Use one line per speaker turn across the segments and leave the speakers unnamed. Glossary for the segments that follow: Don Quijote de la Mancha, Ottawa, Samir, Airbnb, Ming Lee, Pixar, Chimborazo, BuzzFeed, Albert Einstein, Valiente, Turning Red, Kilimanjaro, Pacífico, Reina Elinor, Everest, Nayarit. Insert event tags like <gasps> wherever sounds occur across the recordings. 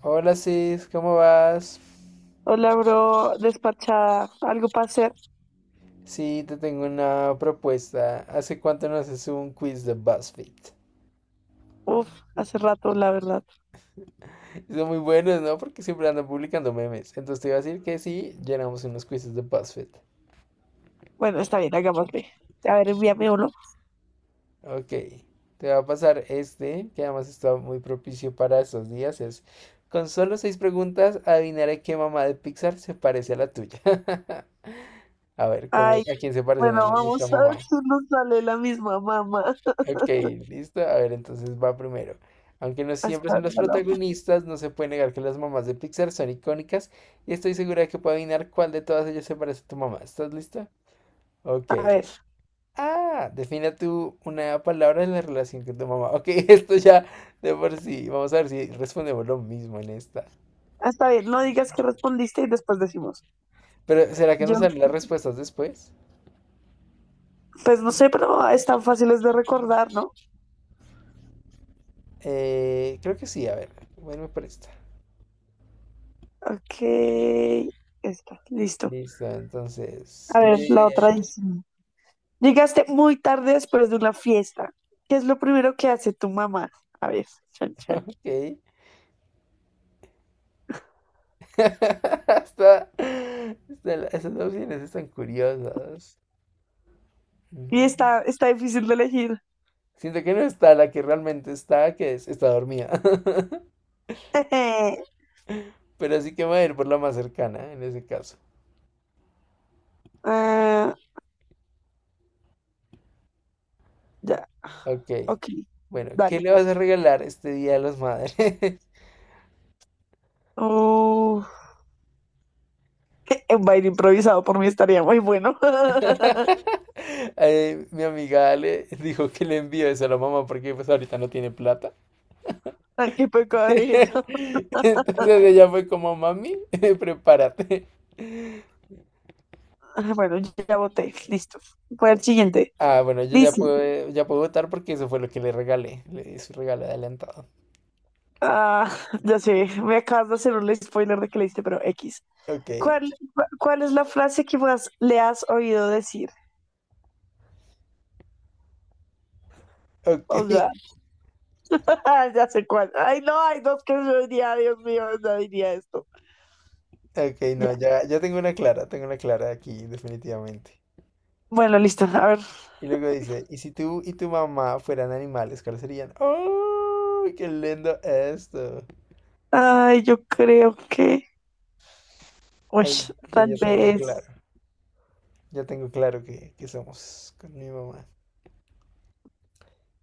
Hola Sis, ¿cómo vas?
Hola, bro, despachada. ¿Algo para hacer?
Sí, te tengo una propuesta. ¿Hace cuánto no haces un quiz de BuzzFeed?
Uf, hace rato, la verdad.
Son muy buenos, ¿no? Porque siempre andan publicando memes. Entonces te iba a decir que sí, llenamos unos quizzes de BuzzFeed.
Bueno, está bien, hagámosle. A ver, envíame uno.
Ok, te va a pasar este, que además está muy propicio para estos días. Es, con solo seis preguntas, adivinaré qué mamá de Pixar se parece a la tuya. <laughs> A ver, ¿cómo,
Ay,
a quién se
bueno,
parece nuestra
vamos a ver
mamá?
si nos sale la misma mamá. <laughs>
Ok, listo. A ver, entonces va primero. Aunque no siempre son las
Mamá.
protagonistas, no se puede negar que las mamás de Pixar son icónicas y estoy segura de que puedo adivinar cuál de todas ellas se parece a tu mamá. ¿Estás lista? Ok.
A ver,
Ah, defina tú una palabra en la relación con tu mamá. Ok, <laughs> esto ya de por sí. Vamos a ver si respondemos lo mismo en esta.
ah, está bien, no digas que respondiste y después decimos.
Pero, ¿será que nos
Yo,
salen las respuestas después?
pues no sé, pero están fáciles de recordar, ¿no?
Creo que sí, a ver. Bueno, por esta.
Ok, está, listo.
Listo, entonces.
A ver, la
Le...
otra
<laughs>
dice. Llegaste muy tarde después de una fiesta. ¿Qué es lo primero que hace tu mamá? A ver, chan, chan.
Ok. <laughs> Esas opciones están curiosas.
Y
No.
está difícil de elegir.
Siento que no está la que realmente está, que es, está dormida.
<laughs>
<laughs> Pero sí que me voy a ir por la más cercana en ese caso.
Ah, ya,
Ok.
ok,
Bueno, ¿qué
dale.
le vas a regalar este Día de las Madres?
Oh, <laughs> un baile improvisado por mí estaría muy bueno. <laughs>
<laughs> Mi amiga Ale dijo que le envíe eso a la mamá porque pues ahorita no tiene plata.
Ay, qué pecado.
<laughs> Entonces ella fue como, mami, <laughs> prepárate.
Bueno, ya voté, listo. Voy al siguiente.
Ah, bueno, yo ya
Dice,
puedo, ya puedo votar porque eso fue lo que le regalé. Le di su regalo adelantado.
ah, <laughs> ya sé, me acabas de hacer un spoiler de que leíste, pero X.
Ok,
¿Cuál es la frase que más le has oído decir?
ok,
Oh, God. <laughs>
<laughs>
Ah, ya sé cuál. Ay, no, hay dos que yo diría, Dios mío, no diría esto.
ok,
Ya.
no, ya tengo una clara aquí, definitivamente.
Bueno, listo. A ver,
Y luego dice, ¿y si tú y tu mamá fueran animales, cuáles serían? ¡Oh! ¡Qué lindo esto!
ay, yo creo que,
Ay, yo
tal vez,
ya tengo claro que somos con mi mamá.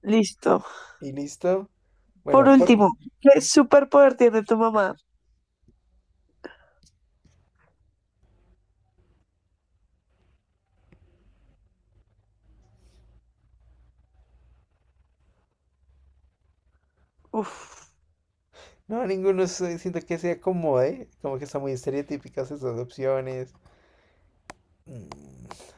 listo.
¿Y listo? Bueno,
Por
por...
último, ¿qué superpoder tiene tu mamá? Uf,
No, ninguno siento que se acomode, como que están muy estereotípicas esas opciones. Mm,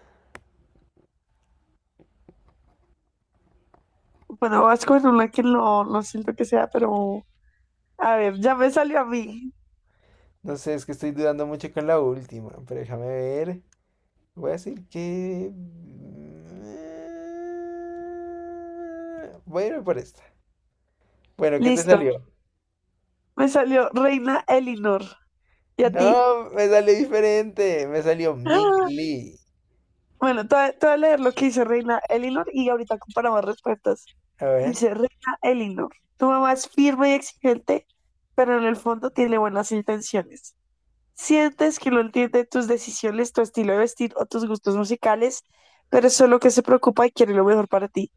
bueno, vas con una que no siento que sea, pero a ver, ya me salió a mí.
No sé, es que estoy dudando mucho con la última, pero déjame ver. Voy a decir que... voy a irme por esta. Bueno, ¿qué te
Listo,
salió?
me salió Reina Elinor. ¿Y a ti?
No, me salió diferente. Me salió
<gasps>
Ming
¡Ah!
Lee.
Bueno, te voy a leer lo que dice Reina Elinor y ahorita comparamos respuestas.
A ver.
Dice Reina Elinor, tu mamá es firme y exigente, pero en el fondo tiene buenas intenciones. Sientes que no entiende tus decisiones, tu estilo de vestir o tus gustos musicales, pero es solo que se preocupa y quiere lo mejor para ti.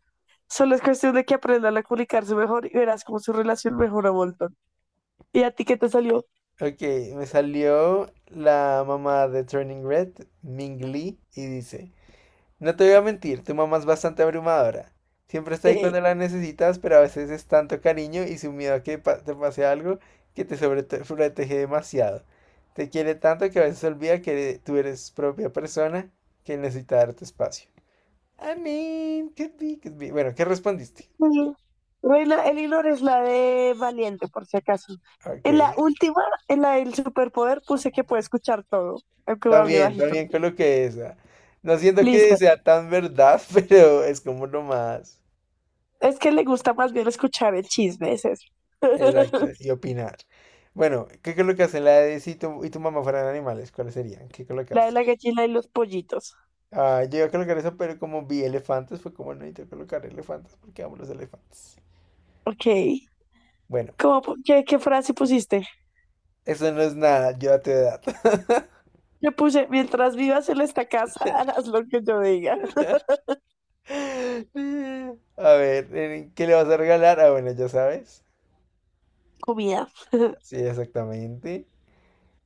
Solo es cuestión de que aprendan a comunicarse mejor y verás cómo su relación mejora un montón. ¿Y a ti qué te salió?
Ok, me salió la mamá de Turning Red, Ming Lee, y dice... No te voy a mentir, tu mamá es bastante abrumadora. Siempre
<laughs>
está ahí
Jeje.
cuando la necesitas, pero a veces es tanto cariño y su miedo a que te pase algo que te sobreprotege demasiado. Te quiere tanto que a veces olvida que tú eres propia persona que necesita darte espacio. I mean, could be, could be. Bueno, ¿qué respondiste?
Sí. Reina Elinor es la de Valiente, por si acaso.
Ok.
En la última, en la del superpoder, puse que puede escuchar todo, aunque me hable
También,
bajito.
también coloqué esa. No siento que
Listo.
sea tan verdad, <laughs> pero es como lo más.
Es que le gusta más bien escuchar el chisme, es eso.
Exacto,
<laughs>
y opinar. Bueno, ¿qué colocas en la de si tu mamá fueran animales? ¿Cuáles serían? ¿Qué
La de la
colocas?
gallina y los pollitos.
Ah, yo iba a colocar eso, pero como vi elefantes, fue como no necesito colocar elefantes porque amo los elefantes.
Ok.
Bueno,
¿Qué frase pusiste?
eso no es nada, yo a tu edad.
Yo puse, mientras vivas en esta casa, harás lo que yo diga.
<laughs> A ver, ¿qué le vas a regalar? Ah, bueno, ya sabes.
Comida. <laughs>
Sí, exactamente.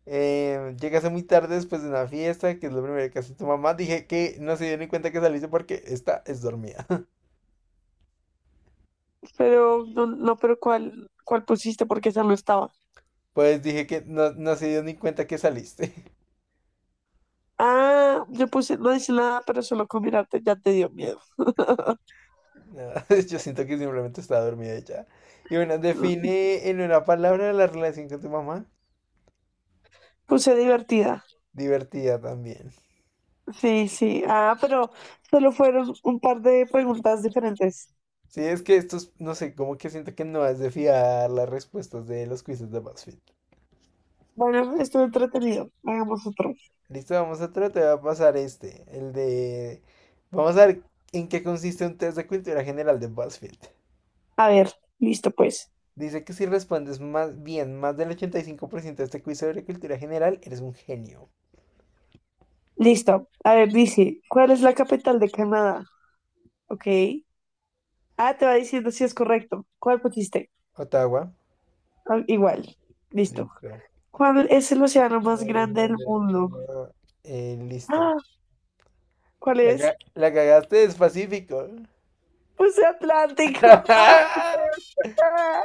Llegaste muy tarde después de una fiesta, que es lo primero que hace tu mamá. Dije que no se dio ni cuenta que saliste porque esta es dormida.
No, no, pero ¿cuál pusiste? Porque esa no estaba.
Pues dije que no, no se dio ni cuenta que saliste. <laughs>
Ah, yo puse, no dice nada, pero solo con mirarte ya te dio miedo. <laughs>
No, <laughs> yo siento que simplemente estaba dormida y ya. Y bueno, define en una palabra la relación con tu mamá.
Puse divertida.
Divertida también.
Sí, sí. Ah, pero solo fueron un par de preguntas diferentes.
Sí, es que estos, no sé, como que siento que no has de fiar las respuestas de los quizzes de BuzzFeed.
Bueno, estuvo entretenido. Hagamos otro.
Listo, vamos a tratar de pasar este, el de... Vamos a ver en qué consiste un test de cultura general de BuzzFeed.
A ver, listo pues.
Dice que si respondes más bien más del 85% de este quiz sobre cultura general, eres un genio.
Listo. A ver, dice, ¿cuál es la capital de Canadá? Ok. Ah, te va diciendo si es correcto. ¿Cuál pusiste?
Ottawa.
Ah, igual. Listo.
Listo.
¿Cuál es el océano más
Ahí es
grande del
donde
mundo?
no- listo.
Ah, ¿cuál es?
La cagaste del Pacífico.
Puse Atlántico.
<laughs>
<laughs> Ah,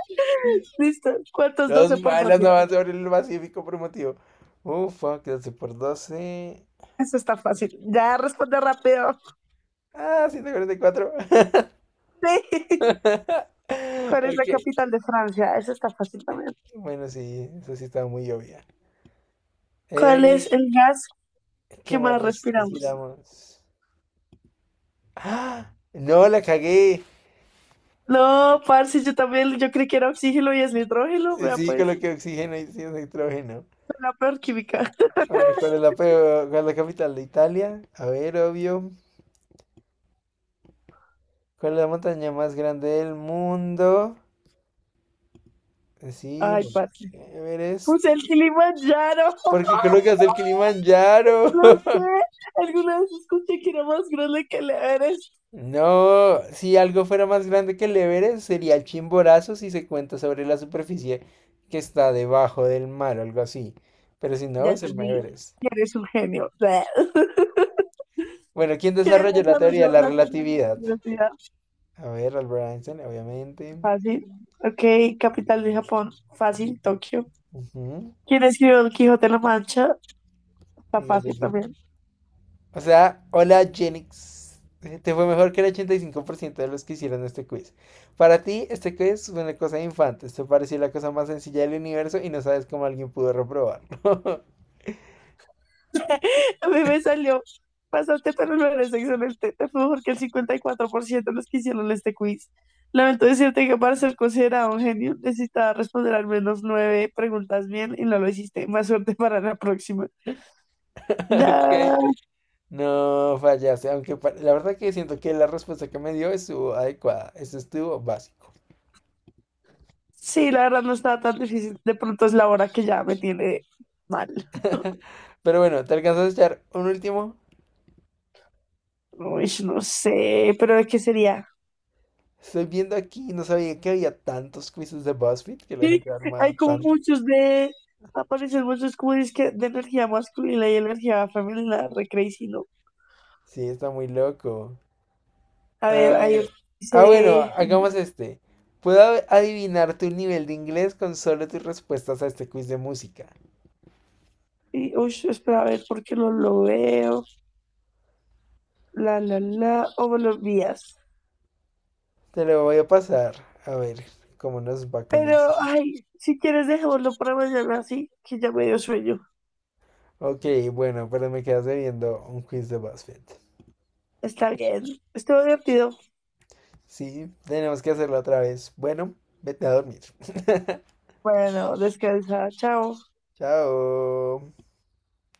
listo. ¿Cuántos 12
Los
por
malas
12?
no van sobre el Pacífico por un motivo. Fuck, 12 por 12.
Eso está fácil. Ya responde rápido. <laughs>
Ah, 144.
Sí.
<laughs>
¿Cuál es la
Ok.
capital de Francia? Eso está fácil también.
Bueno, sí, eso sí estaba muy obvia.
¿Cuál
Eh,
es el gas
¿Qué
que
más
más respiramos?
necesitamos? ¡Ah! No, la cagué.
No, parce, yo también, yo creí que era oxígeno y es nitrógeno. Vea,
Sí,
pues,
coloqué oxígeno y sí, nitrógeno.
soy la peor química.
Bueno,
<laughs>
¿cuál es la capital de Italia? A ver, obvio. ¿Cuál es la montaña más grande del mundo? Sí,
Ay, parce.
Monte
Pues
Everest.
el Kilimanjaro.
Porque
<laughs>
colocas el Kilimanjaro.
No
<laughs>
sé. Alguna vez escuché que era más grande que el Everest.
No, si algo fuera más grande que el Everest, sería el Chimborazo si se cuenta sobre la superficie que está debajo del mar o algo así. Pero si no,
Ya
es
te
el
di.
Everest.
Eres un genio. <laughs>
Bueno, ¿quién
¿Qué
desarrolló la teoría de
desarrolló
la
la
relatividad?
tecnología?
A ver, Albert Einstein, obviamente.
Fácil. Ok, capital de Japón. Fácil. Tokio.
Ujú.
¿Quién escribió Don Quijote de la Mancha? Está
Miguel de...
fácil también.
O sea, hola Genix. Te fue mejor que el 85% de los que hicieron este quiz. Para ti, este quiz fue una cosa de infantes. Te pareció la cosa más sencilla del universo y no sabes cómo alguien pudo reprobarlo. <laughs>
<laughs> A mí me salió, pasaste pero no eres excelente, te fue mejor que el 54% de los que hicieron este quiz. Lamento decirte que para ser considerado un genio necesitaba responder al menos nueve preguntas bien y no lo hiciste. Más suerte para la próxima.
Ok.
Da-
No fallaste, aunque la verdad que siento que la respuesta que me dio estuvo adecuada. Esto estuvo básico.
Sí, la verdad no estaba tan difícil. De pronto es la hora que ya me tiene mal.
Pero bueno, ¿te alcanzas a echar un último?
Uy, no sé, pero ¿de qué sería?
Estoy viendo aquí, no sabía que había tantos quizzes de BuzzFeed que la
Sí,
gente arma
hay como
tanto.
muchos de... Aparecen muchos quiz que de energía masculina y energía femenina, re crazy, ¿no?
Sí, está muy loco.
A
A
ver, hay
ver.
otro que
Ah, bueno,
dice,
hagamos este. Puedo adivinar tu nivel de inglés con solo tus respuestas a este quiz de música.
uy, espera, a ver, ¿por qué no lo veo? La, o buenos días.
Te lo voy a pasar. A ver cómo nos va con eso.
Pero, ay, si quieres, dejémoslo para mañana, sí, que ya me dio sueño.
Ok, bueno, pero me quedas debiendo un quiz de BuzzFeed.
Está bien, estuvo divertido.
Sí, tenemos que hacerlo otra vez. Bueno, vete a dormir. <laughs>
Bueno, descansa, chao.
Chao.